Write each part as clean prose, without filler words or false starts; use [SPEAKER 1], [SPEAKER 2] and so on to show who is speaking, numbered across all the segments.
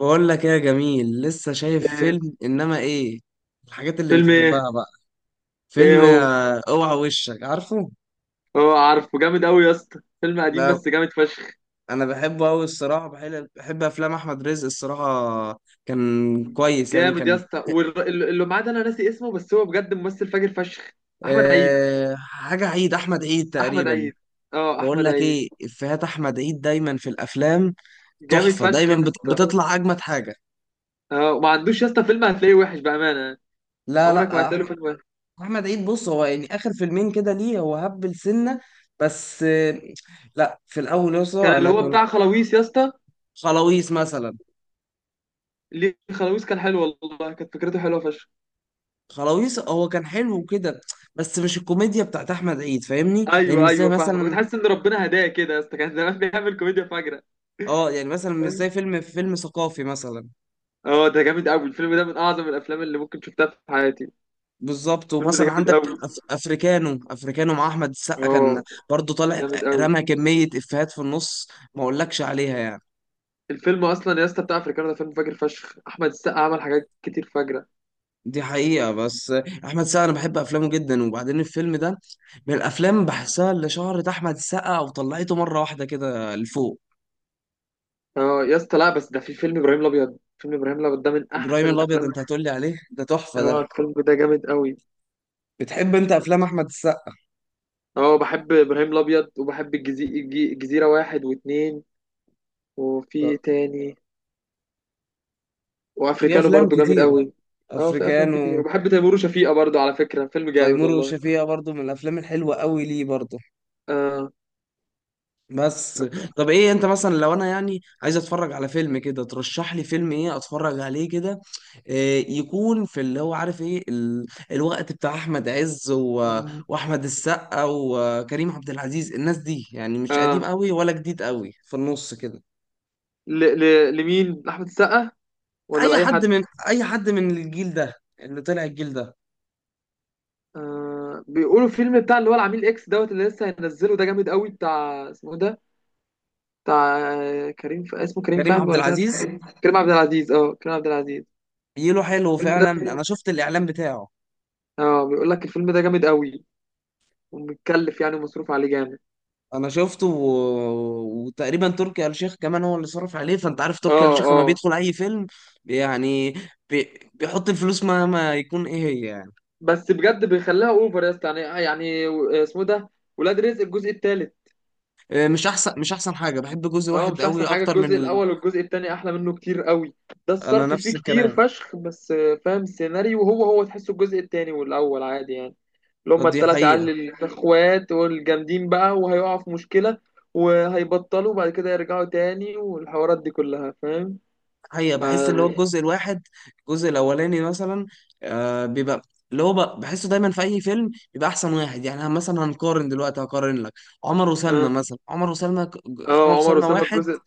[SPEAKER 1] بقول لك ايه يا جميل؟ لسه شايف
[SPEAKER 2] ايه.
[SPEAKER 1] فيلم انما ايه الحاجات اللي
[SPEAKER 2] فيلم ايه؟
[SPEAKER 1] بتحبها بقى.
[SPEAKER 2] ايه
[SPEAKER 1] فيلم
[SPEAKER 2] هو؟
[SPEAKER 1] اوعى وشك عارفه.
[SPEAKER 2] هو عارفه جامد قوي يا اسطى، فيلم قديم
[SPEAKER 1] لا
[SPEAKER 2] بس جامد فشخ.
[SPEAKER 1] انا بحبه قوي الصراحه، بحب افلام احمد رزق الصراحه. كان كويس يعني
[SPEAKER 2] جامد يا
[SPEAKER 1] كان.
[SPEAKER 2] اسطى، اللي معاه ده انا ناسي اسمه، بس هو بجد ممثل فاجر فشخ. احمد عيد.
[SPEAKER 1] أه حاجه عيد، احمد عيد
[SPEAKER 2] احمد
[SPEAKER 1] تقريبا.
[SPEAKER 2] عيد. اه
[SPEAKER 1] بقول
[SPEAKER 2] احمد
[SPEAKER 1] لك
[SPEAKER 2] عيد.
[SPEAKER 1] ايه، افيهات احمد عيد دايما في الافلام
[SPEAKER 2] جامد
[SPEAKER 1] تحفه.
[SPEAKER 2] فشخ
[SPEAKER 1] دايما
[SPEAKER 2] يا اسطى.
[SPEAKER 1] بتطلع اجمد حاجه.
[SPEAKER 2] اه وما عندوش يا اسطى فيلم هتلاقيه وحش بامانه.
[SPEAKER 1] لا
[SPEAKER 2] عمرك ما
[SPEAKER 1] لا آه،
[SPEAKER 2] هتلاقي له
[SPEAKER 1] احمد،
[SPEAKER 2] فيلم وحش.
[SPEAKER 1] احمد عيد. بص هو يعني اخر فيلمين كده ليه؟ هو هبل سنه بس. لا، في الاول
[SPEAKER 2] كان
[SPEAKER 1] يسطا
[SPEAKER 2] اللي
[SPEAKER 1] انا
[SPEAKER 2] هو
[SPEAKER 1] كان
[SPEAKER 2] بتاع خلاويص يا اسطى.
[SPEAKER 1] خلاويص مثلا.
[SPEAKER 2] ليه خلاويص كان حلو والله، كانت فكرته حلوه فشخ.
[SPEAKER 1] خلاويص هو كان حلو كده، بس مش الكوميديا بتاعت احمد عيد، فاهمني؟ يعني
[SPEAKER 2] ايوه
[SPEAKER 1] مش زي
[SPEAKER 2] ايوه فاهمه، كنت
[SPEAKER 1] مثلا،
[SPEAKER 2] حاسس ان ربنا هداه كده يا اسطى، كان زمان بيعمل كوميديا فجره.
[SPEAKER 1] اه يعني مثلا مش زي فيلم ثقافي مثلا.
[SPEAKER 2] اه ده جامد قوي الفيلم ده، من اعظم الافلام اللي ممكن شفتها في حياتي.
[SPEAKER 1] بالظبط.
[SPEAKER 2] الفيلم ده
[SPEAKER 1] ومثلا
[SPEAKER 2] جامد
[SPEAKER 1] عندك
[SPEAKER 2] قوي.
[SPEAKER 1] افريكانو، افريكانو مع احمد السقا كان
[SPEAKER 2] اه.
[SPEAKER 1] برضو طالع.
[SPEAKER 2] جامد قوي.
[SPEAKER 1] رمى كميه افيهات في النص ما اقولكش عليها يعني.
[SPEAKER 2] الفيلم اصلا يا اسطى بتاع افريكانو ده فيلم فاجر فشخ، احمد السقا عمل حاجات كتير فاجره.
[SPEAKER 1] دي حقيقة. بس أحمد السقا أنا بحب أفلامه جدا، وبعدين الفيلم ده من الأفلام بحسها اللي شهرت أحمد السقا وطلعته مرة واحدة كده لفوق.
[SPEAKER 2] اه يا اسطى، لا بس ده في فيلم ابراهيم الابيض، فيلم ابراهيم الابيض ده من
[SPEAKER 1] إبراهيم
[SPEAKER 2] احسن
[SPEAKER 1] الأبيض،
[SPEAKER 2] الافلام.
[SPEAKER 1] أنت هتقولي عليه؟ ده تحفة
[SPEAKER 2] اه
[SPEAKER 1] ده.
[SPEAKER 2] الفيلم ده جامد قوي.
[SPEAKER 1] بتحب أنت أفلام أحمد السقا؟
[SPEAKER 2] اه بحب ابراهيم الابيض وبحب الجزيره واحد واتنين، وفي تاني،
[SPEAKER 1] في
[SPEAKER 2] وافريكانو
[SPEAKER 1] أفلام
[SPEAKER 2] برضو جامد
[SPEAKER 1] كتير.
[SPEAKER 2] قوي. اه في افلام كتير،
[SPEAKER 1] أفريكانو.
[SPEAKER 2] وبحب تيمور وشفيقة برضو، على فكره فيلم جامد
[SPEAKER 1] تيمور
[SPEAKER 2] والله.
[SPEAKER 1] وشفيقة برضو من الأفلام الحلوة قوي ليه برضو.
[SPEAKER 2] اه.
[SPEAKER 1] بس. طب ايه، انت مثلا لو انا يعني عايز اتفرج على فيلم كده، ترشح لي فيلم ايه اتفرج عليه كده؟ إيه يكون في اللي هو عارف ايه الوقت بتاع احمد عز و واحمد السقا وكريم عبد العزيز، الناس دي يعني مش قديم
[SPEAKER 2] اه.
[SPEAKER 1] قوي ولا جديد قوي، في النص كده.
[SPEAKER 2] لمين؟ لأحمد السقا ولا لأي حد؟
[SPEAKER 1] اي حد من الجيل ده، اللي طلع الجيل ده.
[SPEAKER 2] بيقولوا فيلم بتاع اللي هو العميل اكس دوت اللي لسه هينزله ده جامد قوي، بتاع اسمه ده. بتاع كريم اسمه كريم
[SPEAKER 1] كريم
[SPEAKER 2] فهمي
[SPEAKER 1] عبد
[SPEAKER 2] ولا مش عارف اسمه
[SPEAKER 1] العزيز
[SPEAKER 2] إيه؟ كريم عبد العزيز. اه كريم عبد العزيز.
[SPEAKER 1] جيله حلو
[SPEAKER 2] الفيلم
[SPEAKER 1] فعلا،
[SPEAKER 2] ده،
[SPEAKER 1] انا شفت الاعلان بتاعه.
[SPEAKER 2] اه بيقول لك الفيلم ده جامد قوي، ومتكلف يعني ومصروف عليه جامد.
[SPEAKER 1] انا شفته وتقريبا تركي آل الشيخ كمان هو اللي صرف عليه، فانت عارف تركي آل
[SPEAKER 2] اه.
[SPEAKER 1] الشيخ لما
[SPEAKER 2] اه.
[SPEAKER 1] بيدخل اي فيلم يعني بيحط الفلوس مهما يكون ايه هي يعني.
[SPEAKER 2] بس بجد بيخليها اوفر يا اسطى، يعني يعني اسمه ده ولاد رزق الجزء الثالث.
[SPEAKER 1] مش احسن، مش احسن حاجه. بحب جزء
[SPEAKER 2] اه
[SPEAKER 1] واحد
[SPEAKER 2] مش
[SPEAKER 1] قوي
[SPEAKER 2] احسن حاجه،
[SPEAKER 1] اكتر
[SPEAKER 2] الجزء
[SPEAKER 1] من
[SPEAKER 2] الاول والجزء التاني احلى منه كتير قوي. ده
[SPEAKER 1] انا
[SPEAKER 2] الصرف
[SPEAKER 1] نفس
[SPEAKER 2] فيه كتير
[SPEAKER 1] الكلام.
[SPEAKER 2] فشخ، بس فاهم السيناريو هو تحسه الجزء التاني والاول عادي يعني. اللي هما
[SPEAKER 1] دي
[SPEAKER 2] التلات
[SPEAKER 1] حقيقه.
[SPEAKER 2] عيال الاخوات والجامدين بقى وهيقعوا في مشكله، وهيبطلوا وبعد كده يرجعوا تاني، والحوارات دي كلها فاهم.
[SPEAKER 1] حقيقه
[SPEAKER 2] ف
[SPEAKER 1] بحس اللي هو
[SPEAKER 2] اه.
[SPEAKER 1] الجزء الواحد، الجزء الاولاني مثلا، آه بيبقى اللي هو بحسه دايما في اي فيلم بيبقى احسن واحد يعني. أنا مثلا هنقارن دلوقتي، هقارن لك. عمر وسلمى مثلا، عمر وسلمى عمر
[SPEAKER 2] اه عمر
[SPEAKER 1] وسلمى
[SPEAKER 2] وسلمى
[SPEAKER 1] واحد
[SPEAKER 2] الجزء.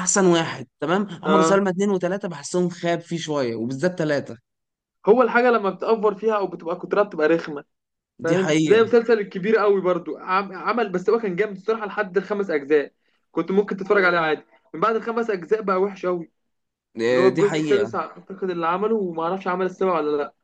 [SPEAKER 1] احسن واحد تمام. عمر
[SPEAKER 2] اه
[SPEAKER 1] سلمى اتنين وتلاته بحسهم خاب فيه شويه، وبالذات تلاته.
[SPEAKER 2] هو الحاجه لما بتأفور فيها او بتبقى كترها بتبقى رخمه.
[SPEAKER 1] دي
[SPEAKER 2] فاهم،
[SPEAKER 1] حقيقه.
[SPEAKER 2] زي مسلسل الكبير قوي برضو عمل، بس هو كان جامد الصراحه لحد الخمس اجزاء، كنت ممكن تتفرج عليه عادي. من بعد الخمس اجزاء بقى وحش قوي. اللي هو
[SPEAKER 1] دي
[SPEAKER 2] الجزء السادس
[SPEAKER 1] حقيقه.
[SPEAKER 2] اعتقد اللي عمله، وما اعرفش عمل السابع ولا لا،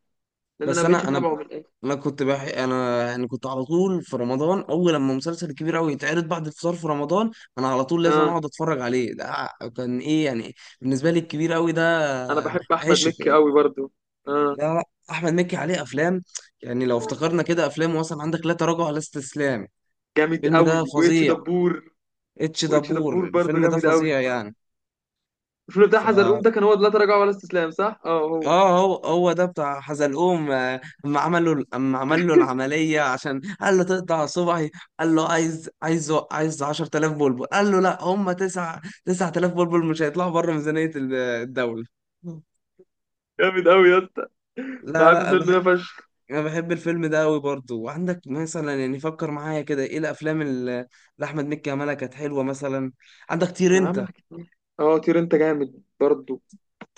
[SPEAKER 2] لان انا
[SPEAKER 1] بس
[SPEAKER 2] ما بقتش
[SPEAKER 1] انا انا
[SPEAKER 2] اتابعه من الاخر.
[SPEAKER 1] انا انا يعني كنت على طول في رمضان اول لما مسلسل كبير قوي يتعرض بعد الفطار في رمضان، انا على طول لازم
[SPEAKER 2] اه.
[SPEAKER 1] اقعد اتفرج عليه ده. كان ايه يعني بالنسبه لي الكبير قوي ده،
[SPEAKER 2] انا بحب احمد
[SPEAKER 1] عشق
[SPEAKER 2] مكي
[SPEAKER 1] يعني
[SPEAKER 2] قوي برضو. اه
[SPEAKER 1] ده. احمد مكي عليه افلام يعني، لو افتكرنا كده افلام مثلا، عندك لا تراجع ولا استسلام،
[SPEAKER 2] جامد
[SPEAKER 1] الفيلم
[SPEAKER 2] قوي
[SPEAKER 1] ده
[SPEAKER 2] واتش
[SPEAKER 1] فظيع.
[SPEAKER 2] دبور.
[SPEAKER 1] اتش
[SPEAKER 2] واتش دبور
[SPEAKER 1] دبور
[SPEAKER 2] برضو
[SPEAKER 1] الفيلم ده
[SPEAKER 2] جامد قوي.
[SPEAKER 1] فظيع يعني.
[SPEAKER 2] الفيلم
[SPEAKER 1] ف
[SPEAKER 2] بتاع حزلقوم ده كان هو لا تراجع ولا استسلام، صح اه هو.
[SPEAKER 1] اه هو هو ده بتاع حزلقوم، اما اما عمل له العمليه عشان قال له تقطع صبعي، قال له عايز 10000 بلبل، قال له لا هم 9 9000 بلبل مش هيطلعوا بره ميزانيه الدوله.
[SPEAKER 2] جامد قوي يا اسطى،
[SPEAKER 1] لا
[SPEAKER 2] بحب
[SPEAKER 1] لا أنا
[SPEAKER 2] الفيلم
[SPEAKER 1] بح-
[SPEAKER 2] ده فشخ.
[SPEAKER 1] انا بحب الفيلم ده قوي برضه. وعندك مثلا يعني فكر معايا كده، ايه الافلام اللي احمد مكي عملها كانت حلوه مثلا؟ عندك طير
[SPEAKER 2] كان عامل
[SPEAKER 1] انت.
[SPEAKER 2] حاجات كتير. اه طير انت جامد برضو.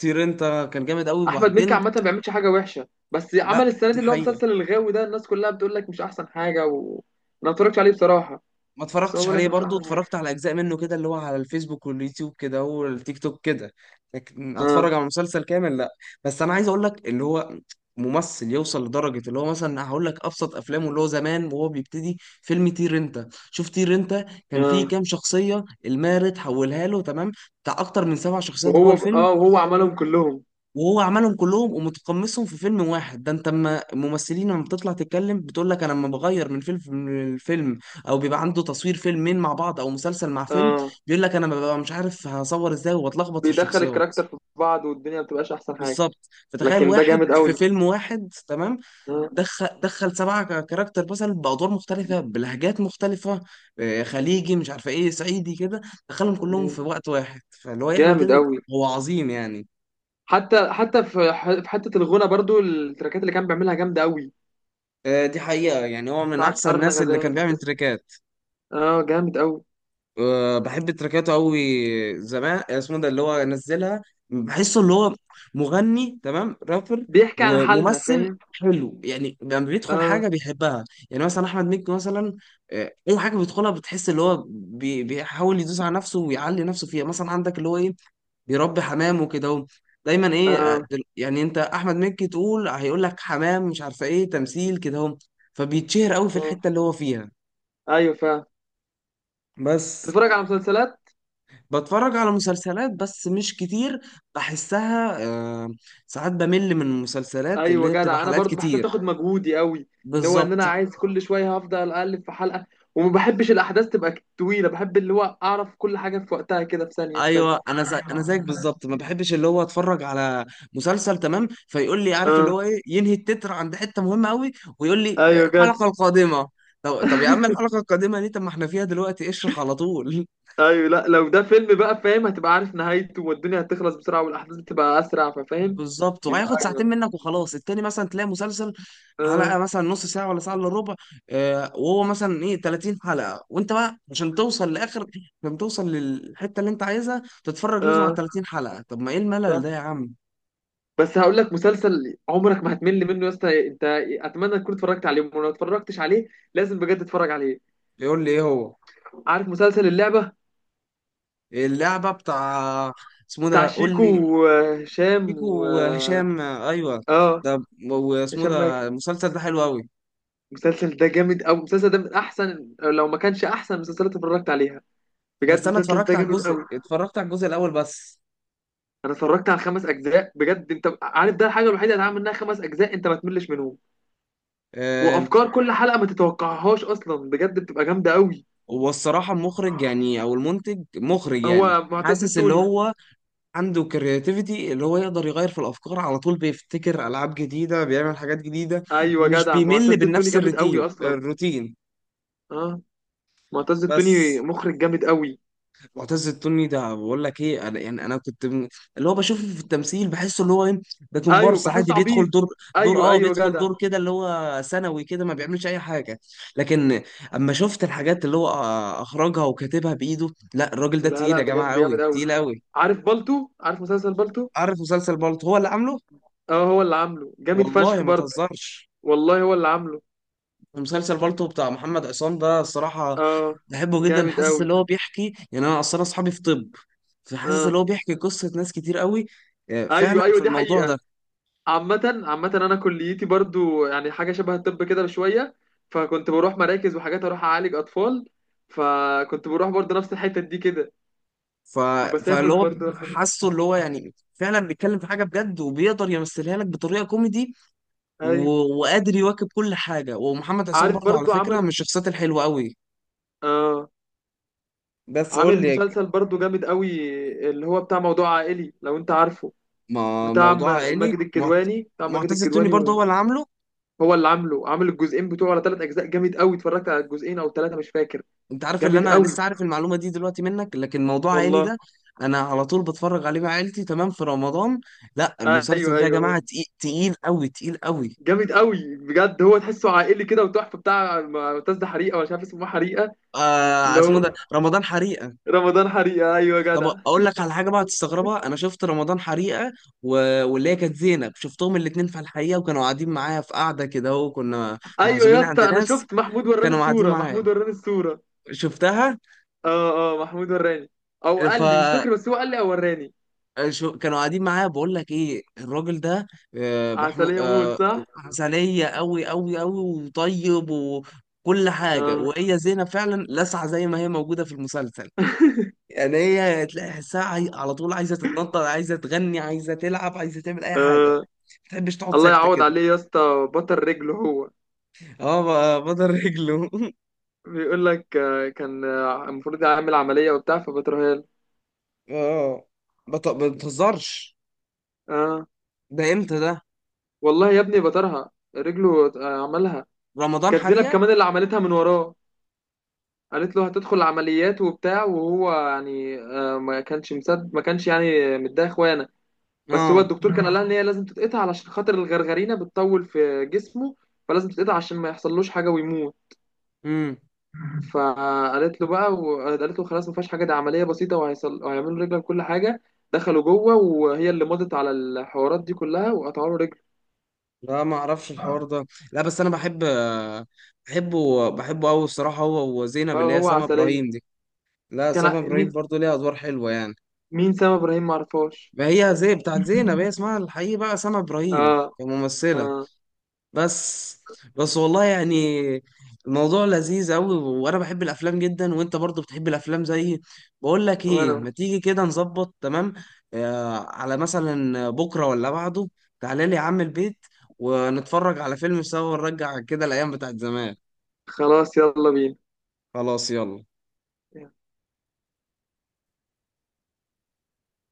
[SPEAKER 1] طير انت كان جامد قوي.
[SPEAKER 2] احمد مكي
[SPEAKER 1] وبعدين
[SPEAKER 2] عامه ما بيعملش حاجه وحشه، بس عمل
[SPEAKER 1] لا
[SPEAKER 2] السنه
[SPEAKER 1] دي
[SPEAKER 2] دي اللي هو
[SPEAKER 1] حقيقة.
[SPEAKER 2] مسلسل الغاوي ده الناس كلها بتقول لك مش احسن حاجه انا ما اتفرجتش عليه بصراحه.
[SPEAKER 1] ما
[SPEAKER 2] بس هو
[SPEAKER 1] اتفرجتش
[SPEAKER 2] بيقول لك
[SPEAKER 1] عليه
[SPEAKER 2] مش
[SPEAKER 1] برضو،
[SPEAKER 2] احسن حاجه.
[SPEAKER 1] اتفرجت على اجزاء منه كده اللي هو على الفيسبوك واليوتيوب كده والتيك توك كده، لكن
[SPEAKER 2] اه.
[SPEAKER 1] اتفرج على مسلسل كامل لا. بس انا عايز اقول لك اللي هو ممثل يوصل لدرجة اللي هو مثلا، هقول لك ابسط افلامه اللي هو زمان وهو بيبتدي، فيلم طير انت، شوف طير انت كان فيه
[SPEAKER 2] اه.
[SPEAKER 1] كام شخصية المارد حولها له تمام، بتاع اكتر من سبع شخصيات جوه
[SPEAKER 2] وهو ب...
[SPEAKER 1] الفيلم،
[SPEAKER 2] اه وهو عملهم كلهم.
[SPEAKER 1] وهو عملهم كلهم ومتقمصهم في فيلم واحد. ده انت اما الممثلين لما بتطلع تتكلم بتقول لك انا لما بغير من فيلم من الفيلم او بيبقى عنده تصوير فيلمين مع بعض او مسلسل مع فيلم،
[SPEAKER 2] اه
[SPEAKER 1] بيقول لك انا ببقى مش عارف هصور ازاي وبتلخبط في
[SPEAKER 2] بيدخل
[SPEAKER 1] الشخصيات.
[SPEAKER 2] الكاركتر في بعض والدنيا ما بتبقاش احسن حاجه.
[SPEAKER 1] بالظبط، فتخيل
[SPEAKER 2] لكن ده
[SPEAKER 1] واحد
[SPEAKER 2] جامد
[SPEAKER 1] في
[SPEAKER 2] قوي.
[SPEAKER 1] فيلم واحد تمام
[SPEAKER 2] اه.
[SPEAKER 1] دخل سبعة كاركتر مثلا بأدوار مختلفة بلهجات مختلفة، خليجي مش عارفة ايه صعيدي كده، دخلهم كلهم
[SPEAKER 2] آه.
[SPEAKER 1] في وقت واحد، فاللي هو يعمل
[SPEAKER 2] جامد
[SPEAKER 1] كده
[SPEAKER 2] قوي.
[SPEAKER 1] هو عظيم يعني.
[SPEAKER 2] حتى في في حته الغنى برضو التراكات اللي كان بيعملها جامده قوي.
[SPEAKER 1] دي حقيقة يعني، هو من
[SPEAKER 2] بتاعت
[SPEAKER 1] أحسن
[SPEAKER 2] ارن
[SPEAKER 1] الناس اللي كان
[SPEAKER 2] غزال
[SPEAKER 1] بيعمل
[SPEAKER 2] وكده.
[SPEAKER 1] تريكات.
[SPEAKER 2] اه جامد قوي.
[SPEAKER 1] بحب تريكاته أوي زمان. اسمه ده اللي هو نزلها، بحسه اللي هو مغني تمام رابر،
[SPEAKER 2] بيحكي عن حالنا
[SPEAKER 1] وممثل
[SPEAKER 2] فاهم.
[SPEAKER 1] حلو يعني لما بيدخل
[SPEAKER 2] اه.
[SPEAKER 1] حاجة بيحبها يعني. مثلا أحمد مكي مثلا، أي حاجة بيدخلها بتحس اللي هو بيحاول يدوس على نفسه ويعلي نفسه فيها. مثلا عندك اللي هو إيه بيربي حمام وكده اهو، دايما ايه
[SPEAKER 2] اه.
[SPEAKER 1] يعني انت احمد مكي تقول، هيقول لك حمام مش عارفه ايه، تمثيل كده اهو، فبيتشهر قوي في الحته
[SPEAKER 2] آه.
[SPEAKER 1] اللي هو فيها.
[SPEAKER 2] ايوه فاهم.
[SPEAKER 1] بس
[SPEAKER 2] تتفرج على مسلسلات؟
[SPEAKER 1] بتفرج على مسلسلات بس مش كتير، بحسها آه، ساعات بمل من المسلسلات اللي
[SPEAKER 2] ايوه
[SPEAKER 1] هي بتبقى
[SPEAKER 2] جدع، انا
[SPEAKER 1] حلقات
[SPEAKER 2] برضو بحسها
[SPEAKER 1] كتير.
[SPEAKER 2] تاخد مجهودي قوي. ان هو ان انا
[SPEAKER 1] بالظبط.
[SPEAKER 2] عايز كل شويه هفضل اقلب في حلقه، وما بحبش الاحداث تبقى طويله، بحب اللي هو اعرف كل حاجه في وقتها كده، في ثانيه في ثانيه.
[SPEAKER 1] ايوه انا زي انا زيك بالظبط، ما بحبش اللي هو اتفرج على مسلسل تمام فيقول لي عارف اللي
[SPEAKER 2] اه.
[SPEAKER 1] هو ايه، ينهي التتر عند حته مهمه قوي ويقول لي
[SPEAKER 2] ايوه جدع.
[SPEAKER 1] الحلقه القادمه". طب يا عم الحلقه القادمه دي، طب ما احنا فيها دلوقتي اشرح على طول.
[SPEAKER 2] ايوه لا، لو ده فيلم بقى فاهم هتبقى عارف نهايته، والدنيا هتخلص بسرعه والاحداث بتبقى اسرع، ففاهم.
[SPEAKER 1] بالظبط.
[SPEAKER 2] بيبقى
[SPEAKER 1] وهياخد
[SPEAKER 2] اجمل.
[SPEAKER 1] ساعتين منك وخلاص. التاني مثلا تلاقي مسلسل
[SPEAKER 2] اه.
[SPEAKER 1] حلقه مثلا نص ساعه ولا ساعه الا ربع، آه وهو مثلا ايه 30 حلقه، وانت بقى عشان توصل لاخر، عشان توصل للحته اللي انت عايزها تتفرج لازم على
[SPEAKER 2] اه.
[SPEAKER 1] 30 حلقه، طب ما ايه الملل
[SPEAKER 2] صح.
[SPEAKER 1] ده يا عم؟
[SPEAKER 2] بس هقول لك مسلسل عمرك ما هتمل منه يا اسطى، انت اتمنى تكون اتفرجت عليه، ولو ما اتفرجتش عليه لازم بجد تتفرج عليه.
[SPEAKER 1] يقول لي ايه هو؟
[SPEAKER 2] عارف مسلسل اللعبة؟
[SPEAKER 1] اللعبة بتاع اسمه
[SPEAKER 2] بتاع
[SPEAKER 1] ده قول
[SPEAKER 2] شيكو
[SPEAKER 1] لي،
[SPEAKER 2] وهشام
[SPEAKER 1] شيكو
[SPEAKER 2] و اه،
[SPEAKER 1] وهشام، ايوه
[SPEAKER 2] آه،
[SPEAKER 1] ده. واسمه
[SPEAKER 2] هشام
[SPEAKER 1] ده
[SPEAKER 2] ماجد.
[SPEAKER 1] المسلسل ده حلو قوي.
[SPEAKER 2] المسلسل ده جامد أوي. المسلسل ده من أحسن، لو ما كانش أحسن مسلسلات اتفرجت عليها. بجد
[SPEAKER 1] بس انا
[SPEAKER 2] المسلسل
[SPEAKER 1] اتفرجت
[SPEAKER 2] ده
[SPEAKER 1] على
[SPEAKER 2] جامد أوي.
[SPEAKER 1] الجزء الاول بس.
[SPEAKER 2] أنا اتفرجت على خمس أجزاء بجد، أنت عارف ده الحاجة الوحيدة اللي هتعمل منها خمس أجزاء أنت ما تملش منهم.
[SPEAKER 1] آم.
[SPEAKER 2] وأفكار كل حلقة ما تتوقعهاش أصلا، بجد بتبقى جامدة أوي.
[SPEAKER 1] والصراحة المخرج يعني او المنتج مخرج يعني،
[SPEAKER 2] هو معتز
[SPEAKER 1] حاسس اللي
[SPEAKER 2] التوني.
[SPEAKER 1] هو عنده كرياتيفيتي، اللي هو يقدر يغير في الافكار على طول، بيفتكر العاب جديدة، بيعمل حاجات جديده،
[SPEAKER 2] أيوة
[SPEAKER 1] مش
[SPEAKER 2] جدع،
[SPEAKER 1] بيمل
[SPEAKER 2] معتز التوني
[SPEAKER 1] بنفس
[SPEAKER 2] جامد
[SPEAKER 1] الروتين
[SPEAKER 2] أوي أصلا.
[SPEAKER 1] الروتين
[SPEAKER 2] اه معتز التوني
[SPEAKER 1] بس.
[SPEAKER 2] مخرج جامد أوي.
[SPEAKER 1] معتز التوني ده بقول لك ايه، انا يعني اللي هو بشوفه في التمثيل بحسه اللي هو ايه، ده
[SPEAKER 2] أيوة
[SPEAKER 1] كومبارس
[SPEAKER 2] بحس
[SPEAKER 1] عادي بيدخل
[SPEAKER 2] عبيط.
[SPEAKER 1] دور دور
[SPEAKER 2] أيوة
[SPEAKER 1] اه
[SPEAKER 2] أيوة
[SPEAKER 1] بيدخل
[SPEAKER 2] جدع.
[SPEAKER 1] دور كده اللي هو ثانوي كده ما بيعملش اي حاجه. لكن اما شفت الحاجات اللي هو اخرجها وكاتبها بايده، لا الراجل ده
[SPEAKER 2] لا
[SPEAKER 1] تقيل
[SPEAKER 2] لا
[SPEAKER 1] يا جماعه،
[SPEAKER 2] بجد
[SPEAKER 1] قوي
[SPEAKER 2] جامد قوي.
[SPEAKER 1] تقيل قوي.
[SPEAKER 2] عارف مسلسل بالتو.
[SPEAKER 1] عارف مسلسل بالطو؟ هو اللي عامله.
[SPEAKER 2] اه هو اللي عامله جامد
[SPEAKER 1] والله
[SPEAKER 2] فشخ
[SPEAKER 1] ما
[SPEAKER 2] برضه.
[SPEAKER 1] تهزرش.
[SPEAKER 2] والله هو اللي عامله.
[SPEAKER 1] مسلسل بالطو بتاع محمد عصام ده الصراحه
[SPEAKER 2] اه.
[SPEAKER 1] بحبه جدا،
[SPEAKER 2] جامد
[SPEAKER 1] حاسس
[SPEAKER 2] قوي.
[SPEAKER 1] اللي هو بيحكي، يعني انا اصلا اصحابي في طب، فحاسس
[SPEAKER 2] اه.
[SPEAKER 1] اللي هو بيحكي قصة ناس كتير قوي، فعلا
[SPEAKER 2] ايوه ايوه
[SPEAKER 1] في
[SPEAKER 2] دي
[SPEAKER 1] الموضوع ده.
[SPEAKER 2] حقيقة. عامة عامة انا كليتي برضه يعني حاجة شبه الطب كده بشوية، فكنت بروح مراكز وحاجات اروح اعالج اطفال. فكنت بروح برضه نفس الحتة دي كده،
[SPEAKER 1] ف...
[SPEAKER 2] وبسافر
[SPEAKER 1] فاللي هو
[SPEAKER 2] برضه الحاجات.
[SPEAKER 1] حاسه اللي هو يعني فعلا بيتكلم في حاجة بجد، وبيقدر يمثلها لك بطريقة كوميدي و
[SPEAKER 2] ايوه.
[SPEAKER 1] وقادر يواكب كل حاجة. ومحمد عصام
[SPEAKER 2] عارف
[SPEAKER 1] برضه على
[SPEAKER 2] برضه
[SPEAKER 1] فكرة من
[SPEAKER 2] عمل.
[SPEAKER 1] الشخصيات الحلوة قوي.
[SPEAKER 2] اه
[SPEAKER 1] بس قول
[SPEAKER 2] عامل
[SPEAKER 1] لي.
[SPEAKER 2] مسلسل برضه جامد قوي، اللي هو بتاع موضوع عائلي، لو انت عارفه.
[SPEAKER 1] ما...
[SPEAKER 2] بتاع
[SPEAKER 1] موضوع عائلي
[SPEAKER 2] ماجد الكدواني، بتاع ماجد
[SPEAKER 1] معتز التوني
[SPEAKER 2] الكدواني
[SPEAKER 1] برضه
[SPEAKER 2] و-.
[SPEAKER 1] هو اللي عامله.
[SPEAKER 2] هو اللي عامله، عامل الجزئين بتوعه ولا ثلاث اجزاء جامد قوي. اتفرجت على الجزئين او ثلاثه مش فاكر.
[SPEAKER 1] انت عارف اللي
[SPEAKER 2] جامد
[SPEAKER 1] انا
[SPEAKER 2] قوي
[SPEAKER 1] لسه عارف المعلومة دي دلوقتي منك؟ لكن موضوع عائلي
[SPEAKER 2] والله.
[SPEAKER 1] ده انا على طول بتفرج عليه مع عيلتي تمام في رمضان. لا المسلسل
[SPEAKER 2] ايوه
[SPEAKER 1] ده يا
[SPEAKER 2] ايوه هو.
[SPEAKER 1] جماعة تقيل، تقيل قوي تقيل قوي.
[SPEAKER 2] جامد قوي بجد، هو تحسه عائلي كده وتحفه. بتاع معتز ده حريقه ولا مش عارف اسمه حريقه؟
[SPEAKER 1] آه
[SPEAKER 2] اللي
[SPEAKER 1] اسمه
[SPEAKER 2] هو
[SPEAKER 1] ده رمضان حريقه.
[SPEAKER 2] رمضان حريقه ايوه يا
[SPEAKER 1] طب
[SPEAKER 2] جدع.
[SPEAKER 1] اقول لك على حاجه بقى هتستغربها، انا شفت رمضان حريقه و... واللي هي كانت زينب، شفتهم الاثنين في الحقيقه، وكانوا قاعدين معايا في قعده كده اهو، كنا
[SPEAKER 2] ايوه يا
[SPEAKER 1] معزومين عند
[SPEAKER 2] اسطى، انا
[SPEAKER 1] ناس،
[SPEAKER 2] شفت محمود وراني
[SPEAKER 1] كانوا قاعدين
[SPEAKER 2] الصوره،
[SPEAKER 1] معايا
[SPEAKER 2] محمود وراني الصوره.
[SPEAKER 1] شفتها.
[SPEAKER 2] اه اه محمود وراني. او
[SPEAKER 1] ف
[SPEAKER 2] قال لي مش فاكر، بس هو قال لي او وراني.
[SPEAKER 1] كانوا قاعدين معايا. بقول لك ايه، الراجل ده آه محمود
[SPEAKER 2] عسليه موت
[SPEAKER 1] آه
[SPEAKER 2] صح.
[SPEAKER 1] عسليه قوي قوي قوي وطيب وكل حاجه.
[SPEAKER 2] اه.
[SPEAKER 1] وهي زينب فعلا لسعه زي ما هي موجوده في المسلسل يعني، هي تلاقي حسها على طول عايزه تتنطط، عايزه تغني، عايزه تلعب، عايزه تعمل اي حاجه، ما تحبش تقعد
[SPEAKER 2] الله
[SPEAKER 1] ساكته
[SPEAKER 2] يعوض
[SPEAKER 1] كده.
[SPEAKER 2] عليه يا اسطى، بطل رجله هو.
[SPEAKER 1] اه بدل رجله.
[SPEAKER 2] بيقول لك كان المفروض يعمل عملية وبتاع فبترها له.
[SPEAKER 1] اه ما بتهزرش.
[SPEAKER 2] اه
[SPEAKER 1] ده امتى ده؟
[SPEAKER 2] والله يا ابني بطرها. رجله عملها.
[SPEAKER 1] رمضان
[SPEAKER 2] كانت زينب
[SPEAKER 1] حريقه.
[SPEAKER 2] كمان اللي عملتها من وراه، قالت له هتدخل عمليات وبتاع، وهو يعني ما كانش مصدق، ما كانش يعني متضايق اخوانا. بس هو
[SPEAKER 1] اه.
[SPEAKER 2] الدكتور كان قال لها ان هي لازم تتقطع علشان خاطر الغرغرينة بتطول في جسمه، فلازم تتقطع عشان ما يحصلوش حاجة ويموت.
[SPEAKER 1] امم.
[SPEAKER 2] فقالت له بقى وقالت له خلاص ما فيهاش حاجه، ده عمليه بسيطه وهيعملوا رجلك كل حاجه. دخلوا جوه وهي اللي مضت على الحوارات دي كلها، وقطعوا له رجله.
[SPEAKER 1] لا ما اعرفش الحوار ده. لا بس انا بحبه قوي الصراحه، هو
[SPEAKER 2] اه
[SPEAKER 1] وزينب اللي هي
[SPEAKER 2] هو
[SPEAKER 1] سما
[SPEAKER 2] عسليه.
[SPEAKER 1] ابراهيم دي. لا
[SPEAKER 2] كان
[SPEAKER 1] سما ابراهيم
[SPEAKER 2] مين؟
[SPEAKER 1] برضو ليها ادوار حلوه يعني،
[SPEAKER 2] مين سام ابراهيم؟ ما اعرفهاش.
[SPEAKER 1] ما هي زي بتاعت زينب هي اسمها الحقيقي بقى سما ابراهيم
[SPEAKER 2] اه.
[SPEAKER 1] كممثله.
[SPEAKER 2] اه
[SPEAKER 1] بس. بس والله يعني الموضوع لذيذ قوي، وانا بحب الافلام جدا وانت برضو بتحب الافلام زيي. بقول لك
[SPEAKER 2] وانا.
[SPEAKER 1] ايه، ما تيجي كده نظبط تمام على مثلا بكره ولا بعده، تعالى لي يا عم البيت، ونتفرج على فيلم سوا ونرجع كده الايام بتاعت زمان.
[SPEAKER 2] خلاص يلا بينا.
[SPEAKER 1] خلاص يلا.